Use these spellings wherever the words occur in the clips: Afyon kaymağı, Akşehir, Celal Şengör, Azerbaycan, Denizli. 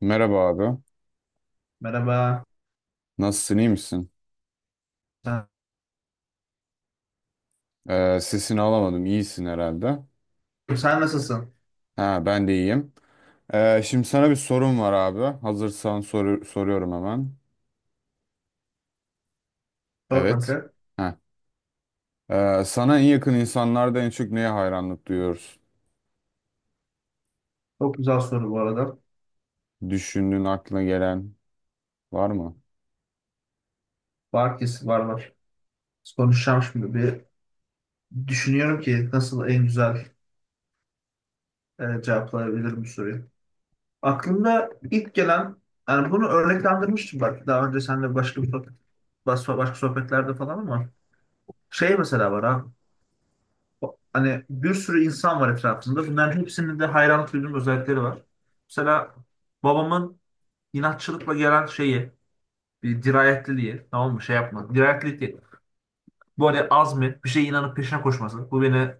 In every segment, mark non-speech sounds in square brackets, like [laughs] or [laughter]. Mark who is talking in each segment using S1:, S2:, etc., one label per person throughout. S1: Merhaba abi.
S2: Merhaba.
S1: Nasılsın, iyi misin?
S2: Sen,
S1: Sesini alamadım. İyisin herhalde.
S2: sen nasılsın?
S1: Ha, Ben de iyiyim. Şimdi sana bir sorum var abi. Hazırsan soru soruyorum hemen.
S2: Sor
S1: Evet.
S2: kanka.
S1: Ha. Sana en yakın insanlarda en çok neye hayranlık duyuyoruz?
S2: Çok güzel soru bu arada.
S1: Düşündüğün aklına gelen var mı?
S2: Var kesin, var. Konuşacağım şimdi. Bir düşünüyorum ki nasıl en güzel cevaplayabilirim bu soruyu. Aklımda ilk gelen, yani bunu örneklendirmiştim bak daha önce seninle başka sohbetlerde falan. Ama şey mesela var abi. Hani bir sürü insan var etrafında. Bunların hepsinin de hayranlık duyduğum özellikleri var. Mesela babamın inatçılıkla gelen şeyi, bir dirayetliliği, tamam mı? Şey yapma, dirayetli değil. Bu hani azmi, bir şeye inanıp peşine koşması. Bu beni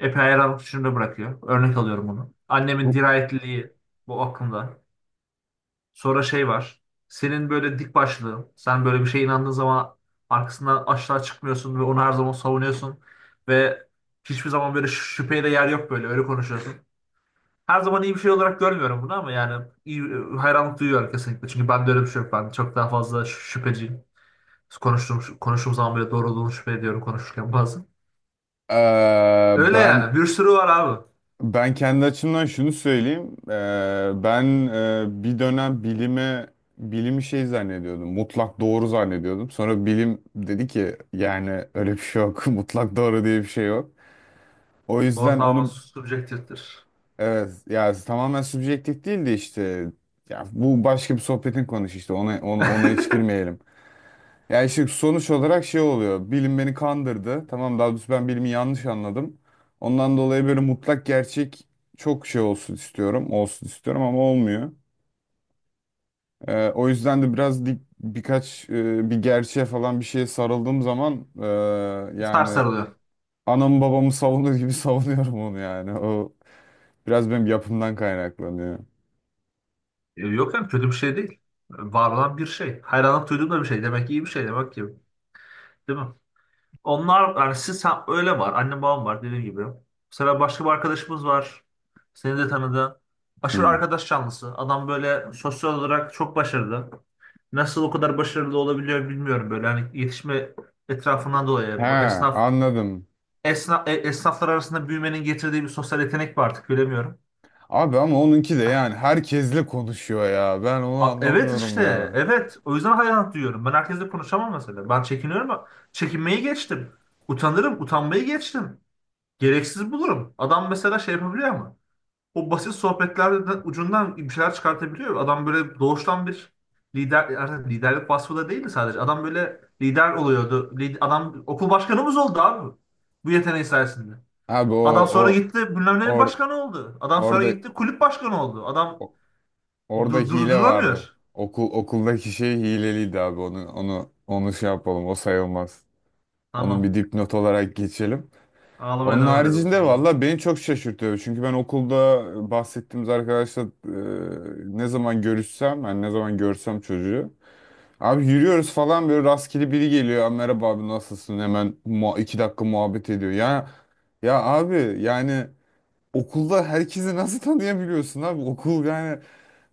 S2: epey hayranlık içinde bırakıyor. Örnek alıyorum bunu. Annemin
S1: Bu-
S2: dirayetliliği, bu aklımda. Sonra şey var. Senin böyle dik başlığın. Sen böyle bir şeye inandığın zaman arkasından aşağı çıkmıyorsun ve onu her zaman savunuyorsun. Ve hiçbir zaman böyle şüpheye de yer yok böyle. Öyle konuşuyorsun. Her zaman iyi bir şey olarak görmüyorum bunu ama yani iyi, hayranlık duyuyorum kesinlikle. Çünkü ben de öyle bir şey yok. Ben çok daha fazla şüpheciyim. Konuştuğum zaman bile doğru olduğunu şüphe ediyorum konuşurken bazen.
S1: Ee,
S2: Öyle
S1: ben
S2: yani. Bir sürü var abi.
S1: Ben kendi açımdan şunu söyleyeyim. Bir dönem bilimi şey zannediyordum. Mutlak doğru zannediyordum. Sonra bilim dedi ki yani öyle bir şey yok. [laughs] Mutlak doğru diye bir şey yok. O yüzden
S2: Ortalama
S1: onu
S2: subjektiftir.
S1: evet ya, tamamen subjektif değil de işte, ya bu başka bir sohbetin konusu, işte ona hiç
S2: [laughs]
S1: girmeyelim. Ya işte sonuç olarak şey oluyor. Bilim beni kandırdı. Tamam, daha doğrusu ben bilimi yanlış anladım. Ondan dolayı böyle mutlak gerçek çok şey olsun istiyorum. Olsun istiyorum ama olmuyor. O yüzden de biraz dik, birkaç bir gerçeğe falan bir şeye sarıldığım zaman yani
S2: Sarılıyor.
S1: anamı babamı savunur gibi [laughs] savunuyorum onu yani. O biraz benim yapımdan kaynaklanıyor.
S2: E, yok yani kötü bir şey değil. Var olan bir şey. Hayranlık duyduğum da bir şey. Demek ki iyi bir şey demek ki. Değil mi? Onlar, yani sen, öyle var. Annem babam var dediğim gibi. Mesela başka bir arkadaşımız var. Seni de tanıdı. Aşırı
S1: Hmm.
S2: arkadaş canlısı. Adam böyle sosyal olarak çok başarılı. Nasıl o kadar başarılı olabiliyor bilmiyorum böyle. Hani yetişme etrafından
S1: He,
S2: dolayı. Bu esnaf
S1: anladım.
S2: Esnaflar arasında büyümenin getirdiği bir sosyal yetenek mi artık bilemiyorum.
S1: Abi ama onunki de, yani herkesle konuşuyor ya. Ben onu
S2: Evet
S1: anlamıyorum
S2: işte,
S1: ya.
S2: evet, o yüzden hayranlık duyuyorum. Ben herkesle konuşamam mesela. Ben çekiniyorum ama çekinmeyi geçtim. Utanırım, utanmayı geçtim. Gereksiz bulurum. Adam mesela şey yapabiliyor, ama o basit sohbetlerden ucundan bir şeyler çıkartabiliyor. Adam böyle doğuştan bir lider, yani liderlik vasfı da değildi sadece. Adam böyle lider oluyordu. Adam okul başkanımız oldu abi. Bu yeteneği sayesinde.
S1: Abi o
S2: Adam sonra
S1: o
S2: gitti bilmem ne
S1: or,
S2: başkanı oldu. Adam sonra
S1: orada
S2: gitti kulüp başkanı oldu. Adam
S1: o- orada hile vardı.
S2: durdurulamıyor.
S1: Okuldaki şey hileliydi abi. Onu şey yapalım. O sayılmaz. Onun bir
S2: Tamam.
S1: dipnot olarak geçelim.
S2: Ağlamaya
S1: Onun
S2: devam ederim
S1: haricinde
S2: sonra.
S1: valla beni çok şaşırtıyor. Çünkü ben okulda bahsettiğimiz arkadaşla ne zaman görüşsem, yani ne zaman görsem çocuğu. Abi yürüyoruz falan, böyle rastgele biri geliyor. "Aa, merhaba abi, nasılsın?" İki dakika muhabbet ediyor. Abi yani okulda herkesi nasıl tanıyabiliyorsun abi? Okul yani,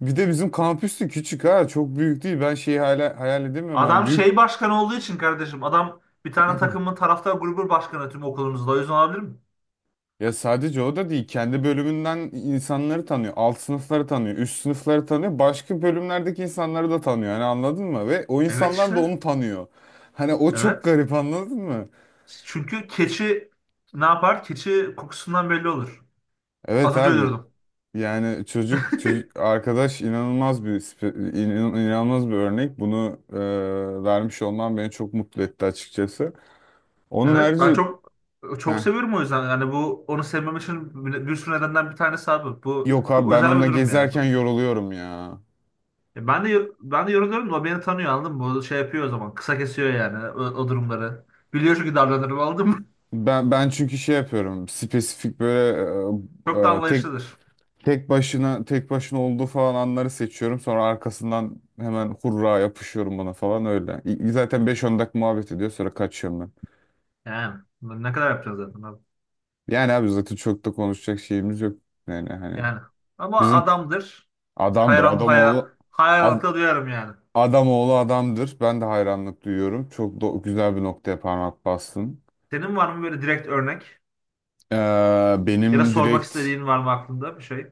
S1: bir de bizim kampüsü küçük ha, çok büyük değil. Ben şeyi hala hayal edemiyorum. Yani
S2: Adam
S1: büyük,
S2: şey başkanı olduğu için kardeşim. Adam bir tane takımın taraftar grubu başkanı tüm okulumuzda. O yüzden olabilir mi?
S1: ya sadece o da değil. Kendi bölümünden insanları tanıyor. Alt sınıfları tanıyor. Üst sınıfları tanıyor. Başka bölümlerdeki insanları da tanıyor. Hani anladın mı? Ve o
S2: Evet
S1: insanlar da onu
S2: işte.
S1: tanıyor. Hani o çok
S2: Evet.
S1: garip, anladın mı?
S2: Çünkü keçi ne yapar? Keçi kokusundan belli olur. Az
S1: Evet
S2: önce
S1: abi.
S2: öldürdüm.
S1: Yani çocuk arkadaş inanılmaz bir inanılmaz bir örnek. Bunu vermiş olman beni çok mutlu etti açıkçası. Onun
S2: Evet. Ben
S1: harici
S2: çok çok
S1: Heh.
S2: seviyorum o yüzden. Yani bu onu sevmem için bir sürü nedenden bir tanesi abi. Bu
S1: Yok abi,
S2: çok
S1: ben
S2: özel bir
S1: onunla
S2: durum
S1: gezerken
S2: ya.
S1: yoruluyorum ya.
S2: E, ben de yoruluyorum da o beni tanıyor anladın mı? O şey yapıyor o zaman. Kısa kesiyor yani o durumları. Biliyor çünkü davranırım anladın mı? [laughs]
S1: Ben çünkü şey yapıyorum. Spesifik böyle
S2: Çok da
S1: e, e, tek
S2: anlayışlıdır.
S1: tek başına olduğu falan anları seçiyorum. Sonra arkasından hemen hurra yapışıyorum bana falan öyle. Zaten beş on dakika muhabbet ediyor, sonra kaçıyorum ben.
S2: Yani ne kadar yapacağız zaten abi.
S1: Yani abi zaten çok da konuşacak şeyimiz yok. Yani hani
S2: Yani ama
S1: bizim
S2: adamdır.
S1: adamdır adam oğlu, ad,
S2: Hayranlıkla duyarım yani.
S1: adam oğlu adamdır. Ben de hayranlık duyuyorum. Çok güzel bir noktaya parmak bastın.
S2: Senin var mı böyle direkt örnek?
S1: Ee,
S2: Ya da
S1: benim
S2: sormak
S1: direkt
S2: istediğin var mı aklında bir şey?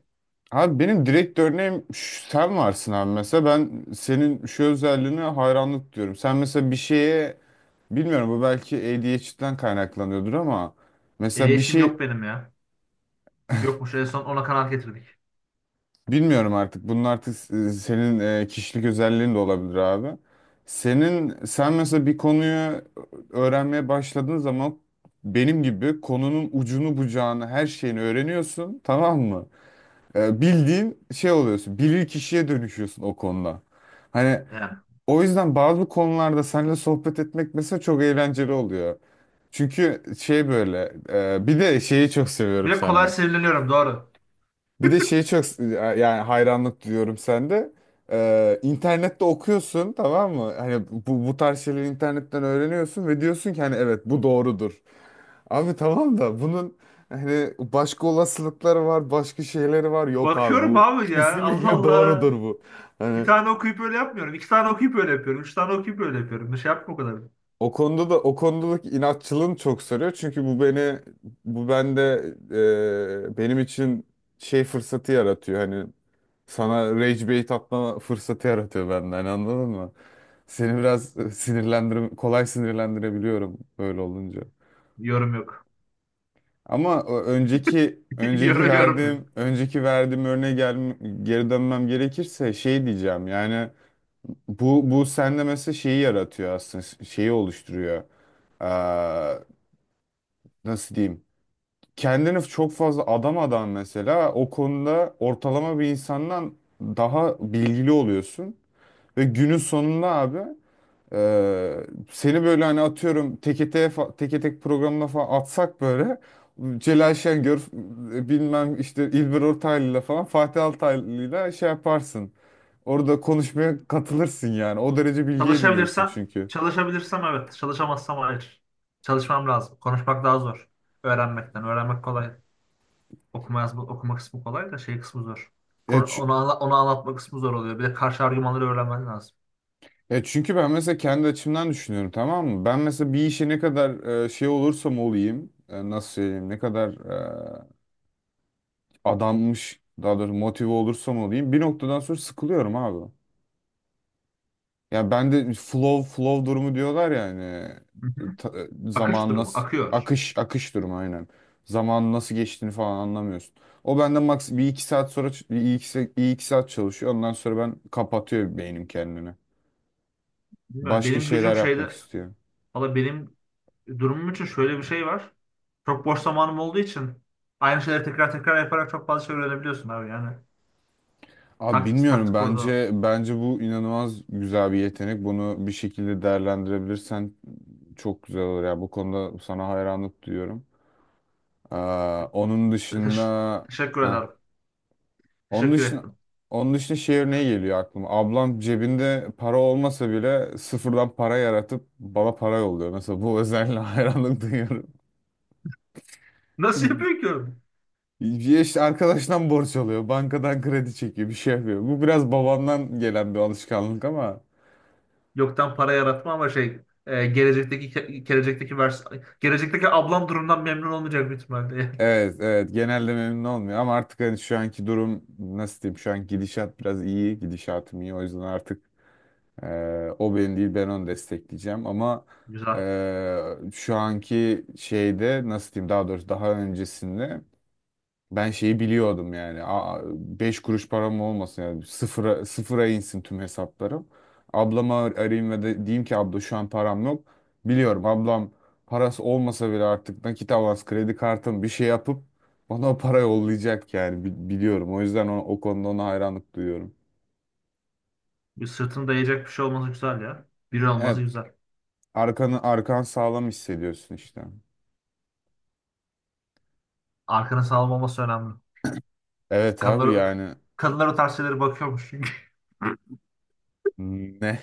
S1: Abi benim direkt örneğim sen varsın abi. Mesela ben senin şu özelliğine hayranlık diyorum. Sen mesela bir şeye, bilmiyorum, bu belki ADHD'den kaynaklanıyordur ama mesela bir
S2: Etkileşim
S1: şey,
S2: yok benim ya. Yokmuş, en son ona kanaat getirdik.
S1: bilmiyorum artık, bunun artık senin kişilik özelliğin de olabilir abi. Sen mesela bir konuyu öğrenmeye başladığın zaman benim gibi konunun ucunu bucağını, her şeyini öğreniyorsun, tamam mı? Bildiğin şey oluyorsun. Bilir kişiye dönüşüyorsun o konuda. Hani
S2: Yani.
S1: o yüzden bazı konularda seninle sohbet etmek mesela çok eğlenceli oluyor. Çünkü şey böyle, bir de şeyi çok seviyorum
S2: Bir de kolay
S1: sende.
S2: sinirleniyorum, doğru.
S1: Bir de şeyi çok, yani hayranlık duyuyorum sende. İnternette okuyorsun, tamam mı? Hani bu tarz şeyleri internetten öğreniyorsun ve diyorsun ki hani evet bu doğrudur. Abi tamam da bunun hani başka olasılıkları var, başka şeyleri var. Yok abi,
S2: Bakıyorum
S1: bu
S2: abi ya, Allah
S1: kesinlikle doğrudur
S2: Allah.
S1: bu.
S2: Bir
S1: Hani
S2: tane okuyup öyle yapmıyorum. İki tane okuyup öyle yapıyorum. Üç tane okuyup öyle yapıyorum. Bir şey yapma o kadar.
S1: o konuda da, o konudaki inatçılığını çok sarıyor. Çünkü bu beni, bu bende, benim için şey fırsatı yaratıyor. Hani sana rage bait atma fırsatı yaratıyor benden, hani anladın mı? Seni biraz kolay sinirlendirebiliyorum böyle olunca.
S2: Yorum yok.
S1: Ama o
S2: [laughs] Yorum yok.
S1: önceki verdiğim örneğe geri dönmem gerekirse şey diyeceğim. Yani bu sende mesela şeyi yaratıyor, aslında şeyi oluşturuyor. Nasıl diyeyim, kendini çok fazla adamadan mesela o konuda ortalama bir insandan daha bilgili oluyorsun ve günün sonunda abi, e, seni böyle hani atıyorum teke tek programına falan atsak, böyle Celal Şengör, bilmem işte İlber Ortaylı'yla falan, Fatih Altaylı'yla şey yaparsın. Orada konuşmaya katılırsın yani. O derece bilgi ediniyorsun
S2: Çalışabilirsem,
S1: çünkü.
S2: çalışabilirsem evet. Çalışamazsam hayır. Çalışmam lazım. Konuşmak daha zor. Öğrenmekten. Öğrenmek kolay. Okuma yazma, okuma kısmı kolay da şey kısmı zor.
S1: Ya, çü-
S2: Onu anlatma kısmı zor oluyor. Bir de karşı argümanları öğrenmen lazım.
S1: Ya çünkü ben mesela kendi açımdan düşünüyorum, tamam mı? Ben mesela bir işe ne kadar şey olursam olayım, nasıl söyleyeyim, ne kadar adanmış, daha doğrusu motive olursam olayım, bir noktadan sonra sıkılıyorum abi. Ya ben de flow durumu diyorlar ya hani,
S2: Hı hı. Akış
S1: zaman
S2: durumu.
S1: nasıl,
S2: Akıyor.
S1: akış durumu, aynen. Zamanın nasıl geçtiğini falan anlamıyorsun. O benden maks bir iki saat sonra bir iki saat çalışıyor. Ondan sonra ben kapatıyor beynim kendini.
S2: Bilmiyorum.
S1: Başka
S2: Benim gücüm
S1: şeyler yapmak
S2: şeyde.
S1: istiyor.
S2: Valla benim durumum için şöyle bir şey var. Çok boş zamanım olduğu için aynı şeyleri tekrar tekrar yaparak çok fazla şey öğrenebiliyorsun abi yani.
S1: Abi
S2: Taktik
S1: bilmiyorum,
S2: taktik orada.
S1: bence bu inanılmaz güzel bir yetenek. Bunu bir şekilde değerlendirebilirsen çok güzel olur ya. Bu konuda sana hayranlık duyuyorum. Ee, onun dışında
S2: Teş- teşekkür
S1: heh,
S2: ederim.
S1: onun
S2: Teşekkür
S1: dışında
S2: ettim.
S1: Onun dışında şey örneği geliyor aklıma. Ablam cebinde para olmasa bile sıfırdan para yaratıp bana para yolluyor. Mesela bu özelliğe [laughs] hayranlık duyuyorum.
S2: [laughs] Nasıl yapıyor ki oğlum?
S1: Bir işte arkadaştan borç alıyor, bankadan kredi çekiyor, bir şey yapıyor. Bu biraz babamdan gelen bir alışkanlık ama
S2: Yoktan para yaratma ama şey, gelecekteki ablam durumdan memnun olmayacak büyük ihtimalle. Yani.
S1: evet, evet. Genelde memnun olmuyor ama artık hani şu anki durum, nasıl diyeyim? Şu an gidişat biraz iyi, gidişatım iyi. O yüzden artık e, o benim değil, ben onu destekleyeceğim ama
S2: [laughs] Güzel.
S1: şu anki şeyde, nasıl diyeyim? Daha doğrusu daha öncesinde ben şeyi biliyordum yani. Aa, beş kuruş param olmasın yani. Sıfıra insin tüm hesaplarım. Ablama arayayım ve de diyeyim ki abla şu an param yok. Biliyorum, ablam parası olmasa bile artık nakit avans kredi kartım bir şey yapıp bana o para yollayacak yani. Biliyorum. O yüzden o konuda ona hayranlık duyuyorum.
S2: Bir sırtını dayayacak bir şey olması güzel ya. Biri olması
S1: Evet,
S2: güzel.
S1: arkan sağlam hissediyorsun işte.
S2: Arkana sağlam olması önemli.
S1: Evet abi
S2: Kadınlar,
S1: yani.
S2: kadınlar o tarz şeylere bakıyormuş çünkü.
S1: Ne?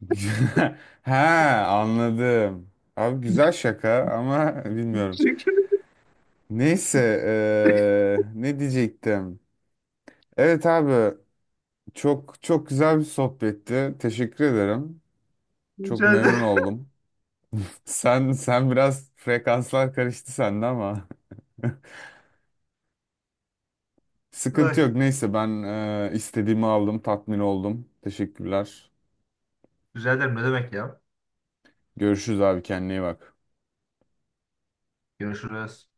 S1: [laughs] Ha, anladım. Abi güzel şaka ama [laughs] bilmiyorum. Neyse, ne diyecektim? Evet abi, çok güzel bir sohbetti. Teşekkür ederim. Çok memnun oldum. [laughs] Sen biraz frekanslar karıştı sende ama [laughs]
S2: [laughs]
S1: sıkıntı
S2: Ay,
S1: yok. Neyse ben istediğimi aldım, tatmin oldum. Teşekkürler.
S2: rica ederim, ne demek ya.
S1: Görüşürüz abi, kendine iyi bak.
S2: Görüşürüz.